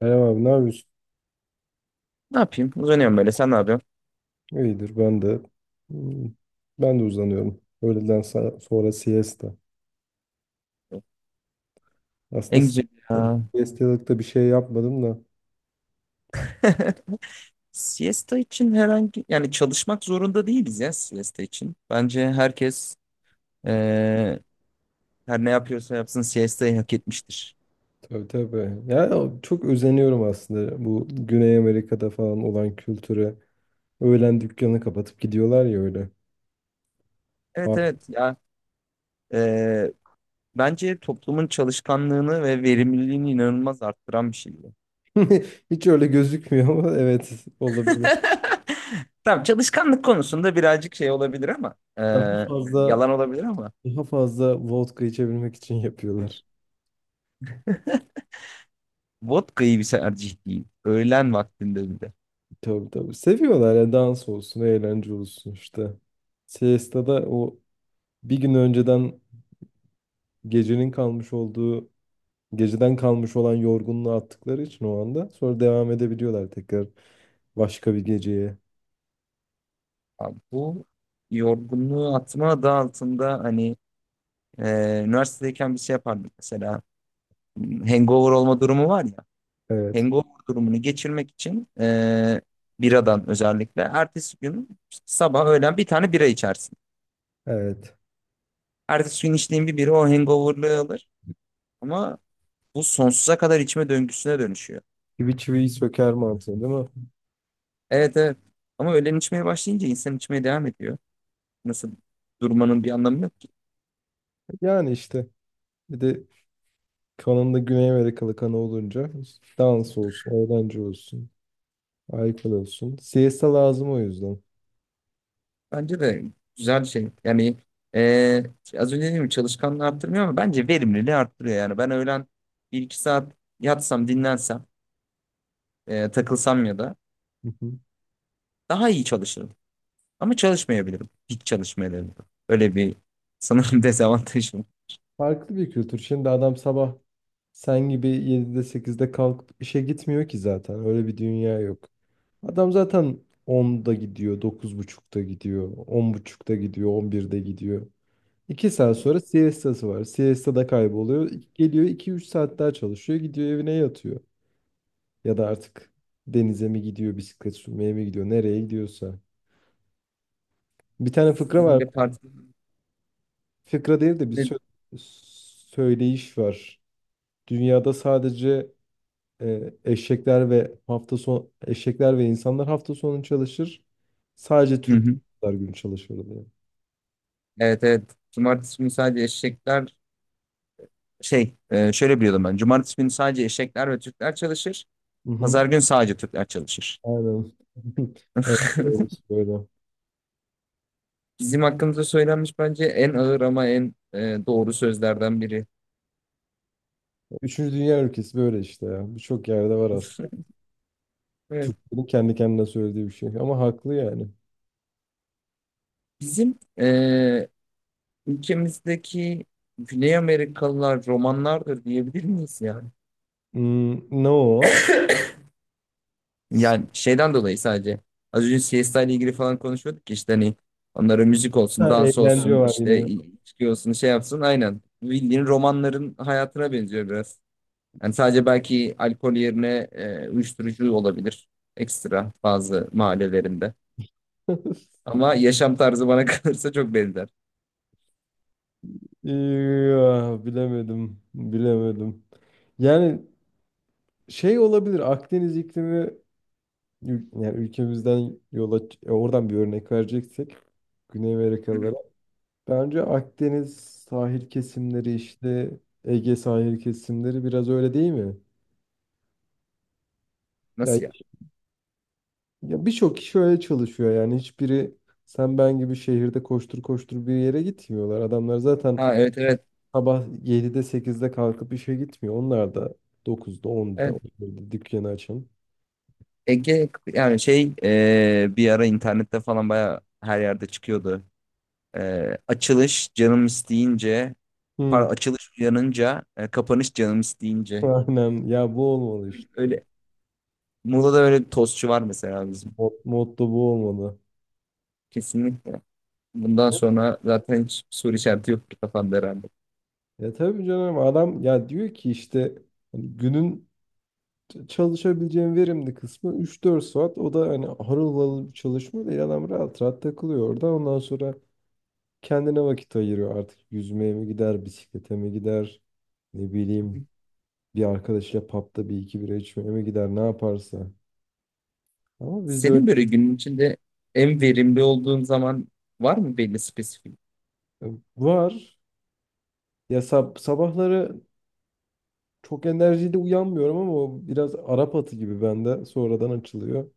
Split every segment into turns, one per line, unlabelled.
Selam abi ne yapıyorsun?
Ne yapayım? Uzanıyorum böyle. Sen ne yapıyorsun?
İyidir ben de. Hmm, Ben de uzanıyorum. Öğleden sonra siesta. Aslında
En güzel ya.
siestalık da bir şey yapmadım da.
Siesta için herhangi yani çalışmak zorunda değiliz ya siesta için. Bence herkes eee, her ne yapıyorsa yapsın siestayı hak etmiştir.
Tabii tabii. Ya çok özeniyorum aslında bu Güney Amerika'da falan olan kültüre. Öğlen dükkanı kapatıp gidiyorlar ya öyle.
Evet
Abi,
evet ya eee, bence toplumun çalışkanlığını ve verimliliğini inanılmaz arttıran bir şey bu.
Hiç öyle gözükmüyor ama evet olabilir.
Tamam çalışkanlık konusunda birazcık şey olabilir ama
Daha
yani
fazla
yalan olabilir ama
daha fazla vodka içebilmek için yapıyorlar.
vodka iyi bir tercih değil. Öğlen vaktinde.
Tabii tabii. Seviyorlar ya dans olsun, eğlence olsun işte. Siesta'da o bir gün önceden gecenin kalmış olduğu, geceden kalmış olan yorgunluğu attıkları için o anda sonra devam edebiliyorlar tekrar başka bir geceye.
Abi bu yorgunluğu atma adı altında hani üniversitedeyken bir şey yapardık mesela. Hangover olma durumu var ya.
Evet,
Hangover durumunu geçirmek için biradan özellikle ertesi gün sabah öğlen bir tane bira içersin.
evet.
Ertesi gün içtiğin bir bira o hangoverlığı alır. Ama bu sonsuza kadar içme döngüsüne dönüşüyor.
Çivi çiviyi söker mantığı değil mi?
Evet evet. Ama öğlen içmeye başlayınca insan içmeye devam ediyor. Nasıl durmanın bir anlamı yok.
Yani işte bir de kanında Güney Amerikalı kanı olunca dans olsun, eğlence olsun, alkol olsun. Siesta lazım o yüzden.
Bence de güzel şey. Yani e, az önce dediğim gibi çalışkanlığı arttırmıyor ama bence verimliliği arttırıyor. Yani ben öğlen bir iki saat yatsam, dinlensem, takılsam ya da
Hı hı.
daha iyi çalışırım. Ama çalışmayabilirim. Hiç çalışmayabilirim. Öyle bir sanırım dezavantajım.
Farklı bir kültür. Şimdi adam sabah sen gibi 7'de 8'de kalkıp işe gitmiyor ki zaten. Öyle bir dünya yok. Adam zaten 10'da gidiyor, 9.30'da gidiyor, 10.30'da gidiyor, 11'de gidiyor. 2 saat sonra siestası var. Siesta da kayboluyor. Geliyor iki üç saat daha çalışıyor. Gidiyor evine yatıyor. Ya da artık denize mi gidiyor, bisiklet sürmeye mi gidiyor, nereye gidiyorsa. Bir tane fıkra
Aynı
var.
de partide...
Fıkra değil de bir söyleyiş var. Dünyada sadece eşekler ve insanlar hafta sonu çalışır. Sadece
Hı hı.
Türkler gün çalışır diye.
Evet evet. Cumartesi günü sadece eşekler şöyle biliyordum ben. Cumartesi günü sadece eşekler ve Türkler çalışır.
Hı hı.
Pazar günü sadece Türkler çalışır.
Aynen. Evet, doğrusu böyle.
Bizim hakkımızda söylenmiş bence en ağır ama en doğru sözlerden biri.
Üçüncü dünya ülkesi böyle işte ya. Birçok yerde var aslında.
Evet.
Türklerin kendi kendine söylediği bir şey. Ama haklı yani.
Bizim ülkemizdeki Güney Amerikalılar romanlardır diyebilir miyiz yani?
Ne o?
Yani şeyden dolayı sadece. Az önce siesta ile ilgili falan konuşuyorduk ya işte hani onlara müzik olsun,
Ha,
dans
eğlence
olsun,
var
işte
yine.
içki olsun, şey yapsın. Aynen. Bildiğin romanların hayatına benziyor biraz. Yani sadece belki alkol yerine uyuşturucu olabilir. Ekstra bazı mahallelerinde. Ama yaşam tarzı bana kalırsa çok benzer.
Ya, bilemedim. Bilemedim. Yani şey olabilir. Akdeniz iklimi. Yani ülkemizden yola oradan bir örnek vereceksek Güney
Hı
Amerikalılara.
hı.
Bence Akdeniz sahil kesimleri işte Ege sahil kesimleri biraz öyle değil mi? Yani
Nasıl ya?
ya birçok kişi öyle çalışıyor yani hiçbiri sen ben gibi şehirde koştur koştur bir yere gitmiyorlar. Adamlar zaten
Ha evet evet.
sabah 7'de 8'de kalkıp işe gitmiyor. Onlar da 9'da 10'da
Evet.
11'de dükkanı açan.
Ege yani bir ara internette falan baya her yerde çıkıyordu. Açılış canım isteyince
Hı.
pardon açılış uyanınca kapanış canım isteyince.
Aynen ya bu olmalı işte.
Öyle. Muğla'da öyle bir tostçu var mesela bizim.
Motto bu olmalı.
Kesinlikle. Bundan sonra zaten hiç soru işareti yok kafanda herhalde.
Ya tabii canım adam ya diyor ki işte hani günün çalışabileceğim verimli kısmı üç dört saat. O da hani harıl harıl bir çalışma değil. Adam rahat rahat takılıyor orada. Ondan sonra kendine vakit ayırıyor artık. Yüzmeye mi gider, bisiklete mi gider, ne bileyim bir arkadaşıyla pub'da bir iki bira içmeye mi gider ne yaparsa. Ama bizde öyle
Senin böyle günün içinde en verimli olduğun zaman var mı belli spesifik?
e, var. Ya sabahları çok enerjiyle uyanmıyorum ama o biraz Arap atı gibi bende sonradan açılıyor.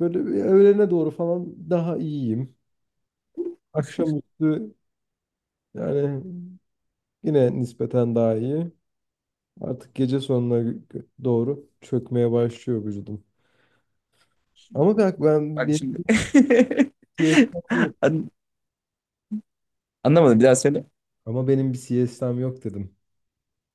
Böyle bir öğlene doğru falan daha iyiyim. Akşamüstü yani yine nispeten daha iyi. Artık gece sonuna doğru çökmeye başlıyor vücudum. Ama bak ben
Bak
benim
şimdi.
bir siestam yok.
An- Anlamadım bir daha söyle.
Ama benim bir siestam yok dedim.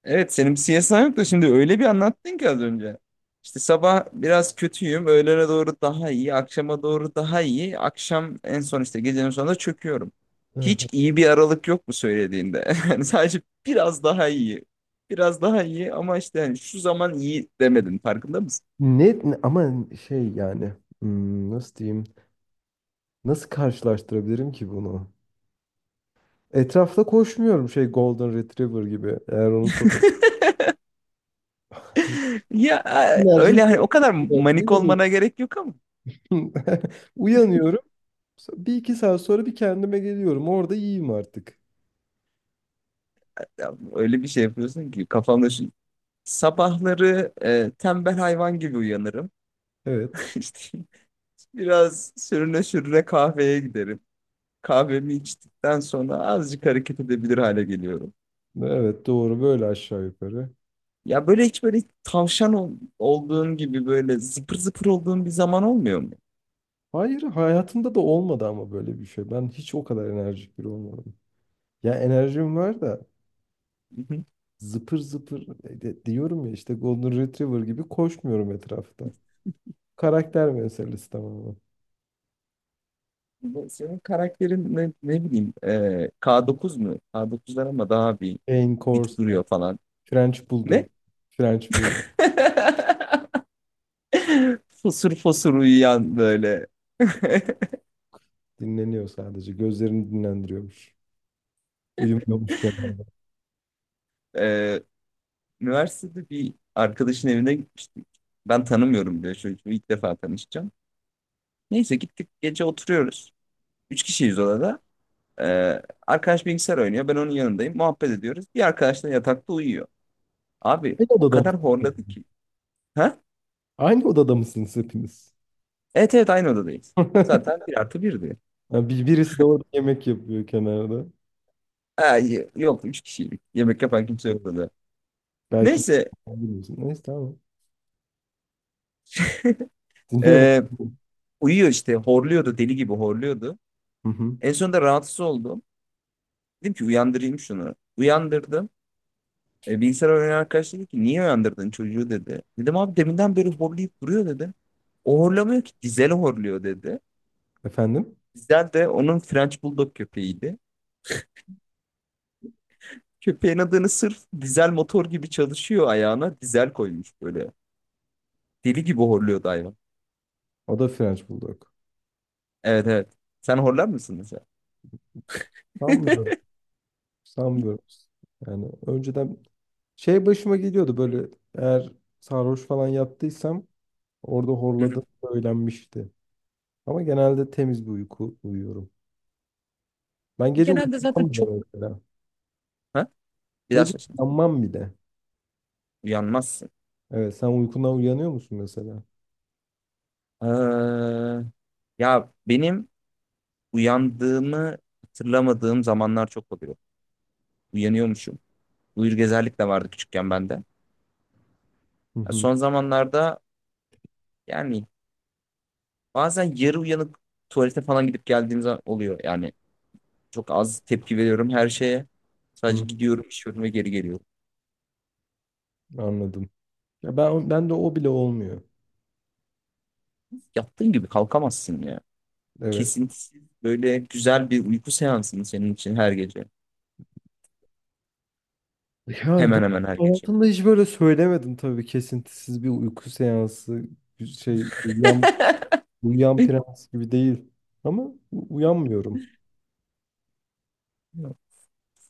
Evet senin bir CSI yok da şimdi öyle bir anlattın ki az önce. İşte sabah biraz kötüyüm, öğlene doğru daha iyi, akşama doğru daha iyi, akşam en son işte gecenin sonunda çöküyorum.
Hı.
Hiç iyi bir aralık yok mu söylediğinde? Yani sadece biraz daha iyi. Biraz daha iyi ama işte hani şu zaman iyi demedin farkında.
Ama şey yani nasıl diyeyim? Nasıl karşılaştırabilirim ki bunu? Etrafta koşmuyorum şey Golden Retriever gibi. Eğer onu sor.
Ya
Enerjim
öyle hani o kadar manik olmana gerek yok ama
uyanıyorum. Bir iki saat sonra bir kendime geliyorum. Orada yiyeyim artık.
ya öyle bir şey yapıyorsun ki kafamda şu sabahları tembel hayvan gibi uyanırım.
Evet.
İşte biraz sürüne sürüne kahveye giderim. Kahvemi içtikten sonra azıcık hareket edebilir hale geliyorum.
Evet doğru böyle aşağı yukarı.
Ya böyle hiç böyle tavşan olduğun gibi böyle zıpır zıpır olduğun bir zaman olmuyor mu?
Hayır hayatımda da olmadı ama böyle bir şey. Ben hiç o kadar enerjik biri olmadım. Ya enerjim var da
Hı hı.
zıpır zıpır diyorum ya işte Golden Retriever gibi koşmuyorum etrafta. Karakter meselesi tamamen.
Bu. Senin karakterin ne, ne bileyim K9 mu? K9'lar ama daha bir
Cane
dik
Corso,
duruyor falan.
French
Ne?
Bulldog. French Bulldog
Fosur fosur uyuyan böyle.
dinleniyor sadece. Gözlerini dinlendiriyormuş. Uyumuyormuş genelde.
Ee, Üniversitede bir arkadaşın evine gitmiştik. Ben tanımıyorum bile çocuğu, ilk defa tanışacağım. Neyse gittik, gece oturuyoruz. Üç kişiyiz odada. Ee, Arkadaş bilgisayar oynuyor. Ben onun yanındayım. Muhabbet ediyoruz. Bir arkadaş da yatakta uyuyor. Abi
Aynı
o
odada
kadar
mısınız?
horladı ki. Ha?
Aynı odada mısınız hepiniz?
Evet evet aynı odadayız. Zaten bir artı birdi.
Ha, birisi de orada yemek yapıyor kenarda.
Ha, yok üç kişiydik. Yemek yapan kimse
Evet.
yoktu da.
Belki
Neyse.
bilmiyorsun. Neyse tamam. Dinliyorum.
ee, Uyuyor işte, horluyordu, deli gibi horluyordu.
Hı hı.
En sonunda rahatsız oldum. Dedim ki uyandırayım şunu. Uyandırdım. E, bilgisayar oynayan arkadaş dedi ki niye uyandırdın çocuğu dedi. Dedim abi deminden beri horlayıp duruyor dedi. O horlamıyor ki, Dizel horluyor dedi.
Efendim?
Dizel de onun French Bulldog köpeğiydi. Köpeğin adını sırf dizel motor gibi çalışıyor ayağına dizel koymuş böyle. Deli gibi horluyordu hayvan.
O da French Bulldog.
Evet evet. Sen horlar mısın mesela?
Sanmıyorum. Sanmıyorum. Yani önceden şey başıma geliyordu böyle eğer sarhoş falan yaptıysam orada horladığım söylenmişti. Ama genelde temiz bir uyku uyuyorum. Ben gece
Genelde zaten
uyanmam bile
çok...
mesela.
Ha? Bir daha
Gece
söylesene.
uyanmam bile.
Uyanmazsın.
Evet sen uykundan uyanıyor musun mesela?
Ha. Ya benim uyandığımı hatırlamadığım zamanlar çok oluyor. Uyanıyormuşum. Uyur gezerlik de vardı küçükken bende. Ya
Hı hı.
son zamanlarda yani bazen yarı uyanık tuvalete falan gidip geldiğim zaman oluyor. Yani çok az tepki veriyorum her şeye. Sadece
Hı.
gidiyorum, işiyorum ve geri geliyorum.
Anladım. Ya ben de o bile olmuyor.
Yattığın gibi kalkamazsın ya.
Evet.
Kesintisiz böyle güzel bir uyku seansını senin için her gece.
Yani ben
Hemen hemen her gece.
hayatımda hiç böyle söylemedim tabii kesintisiz bir uyku seansı bir şey uyuyan prens gibi değil. Ama uyanmıyorum.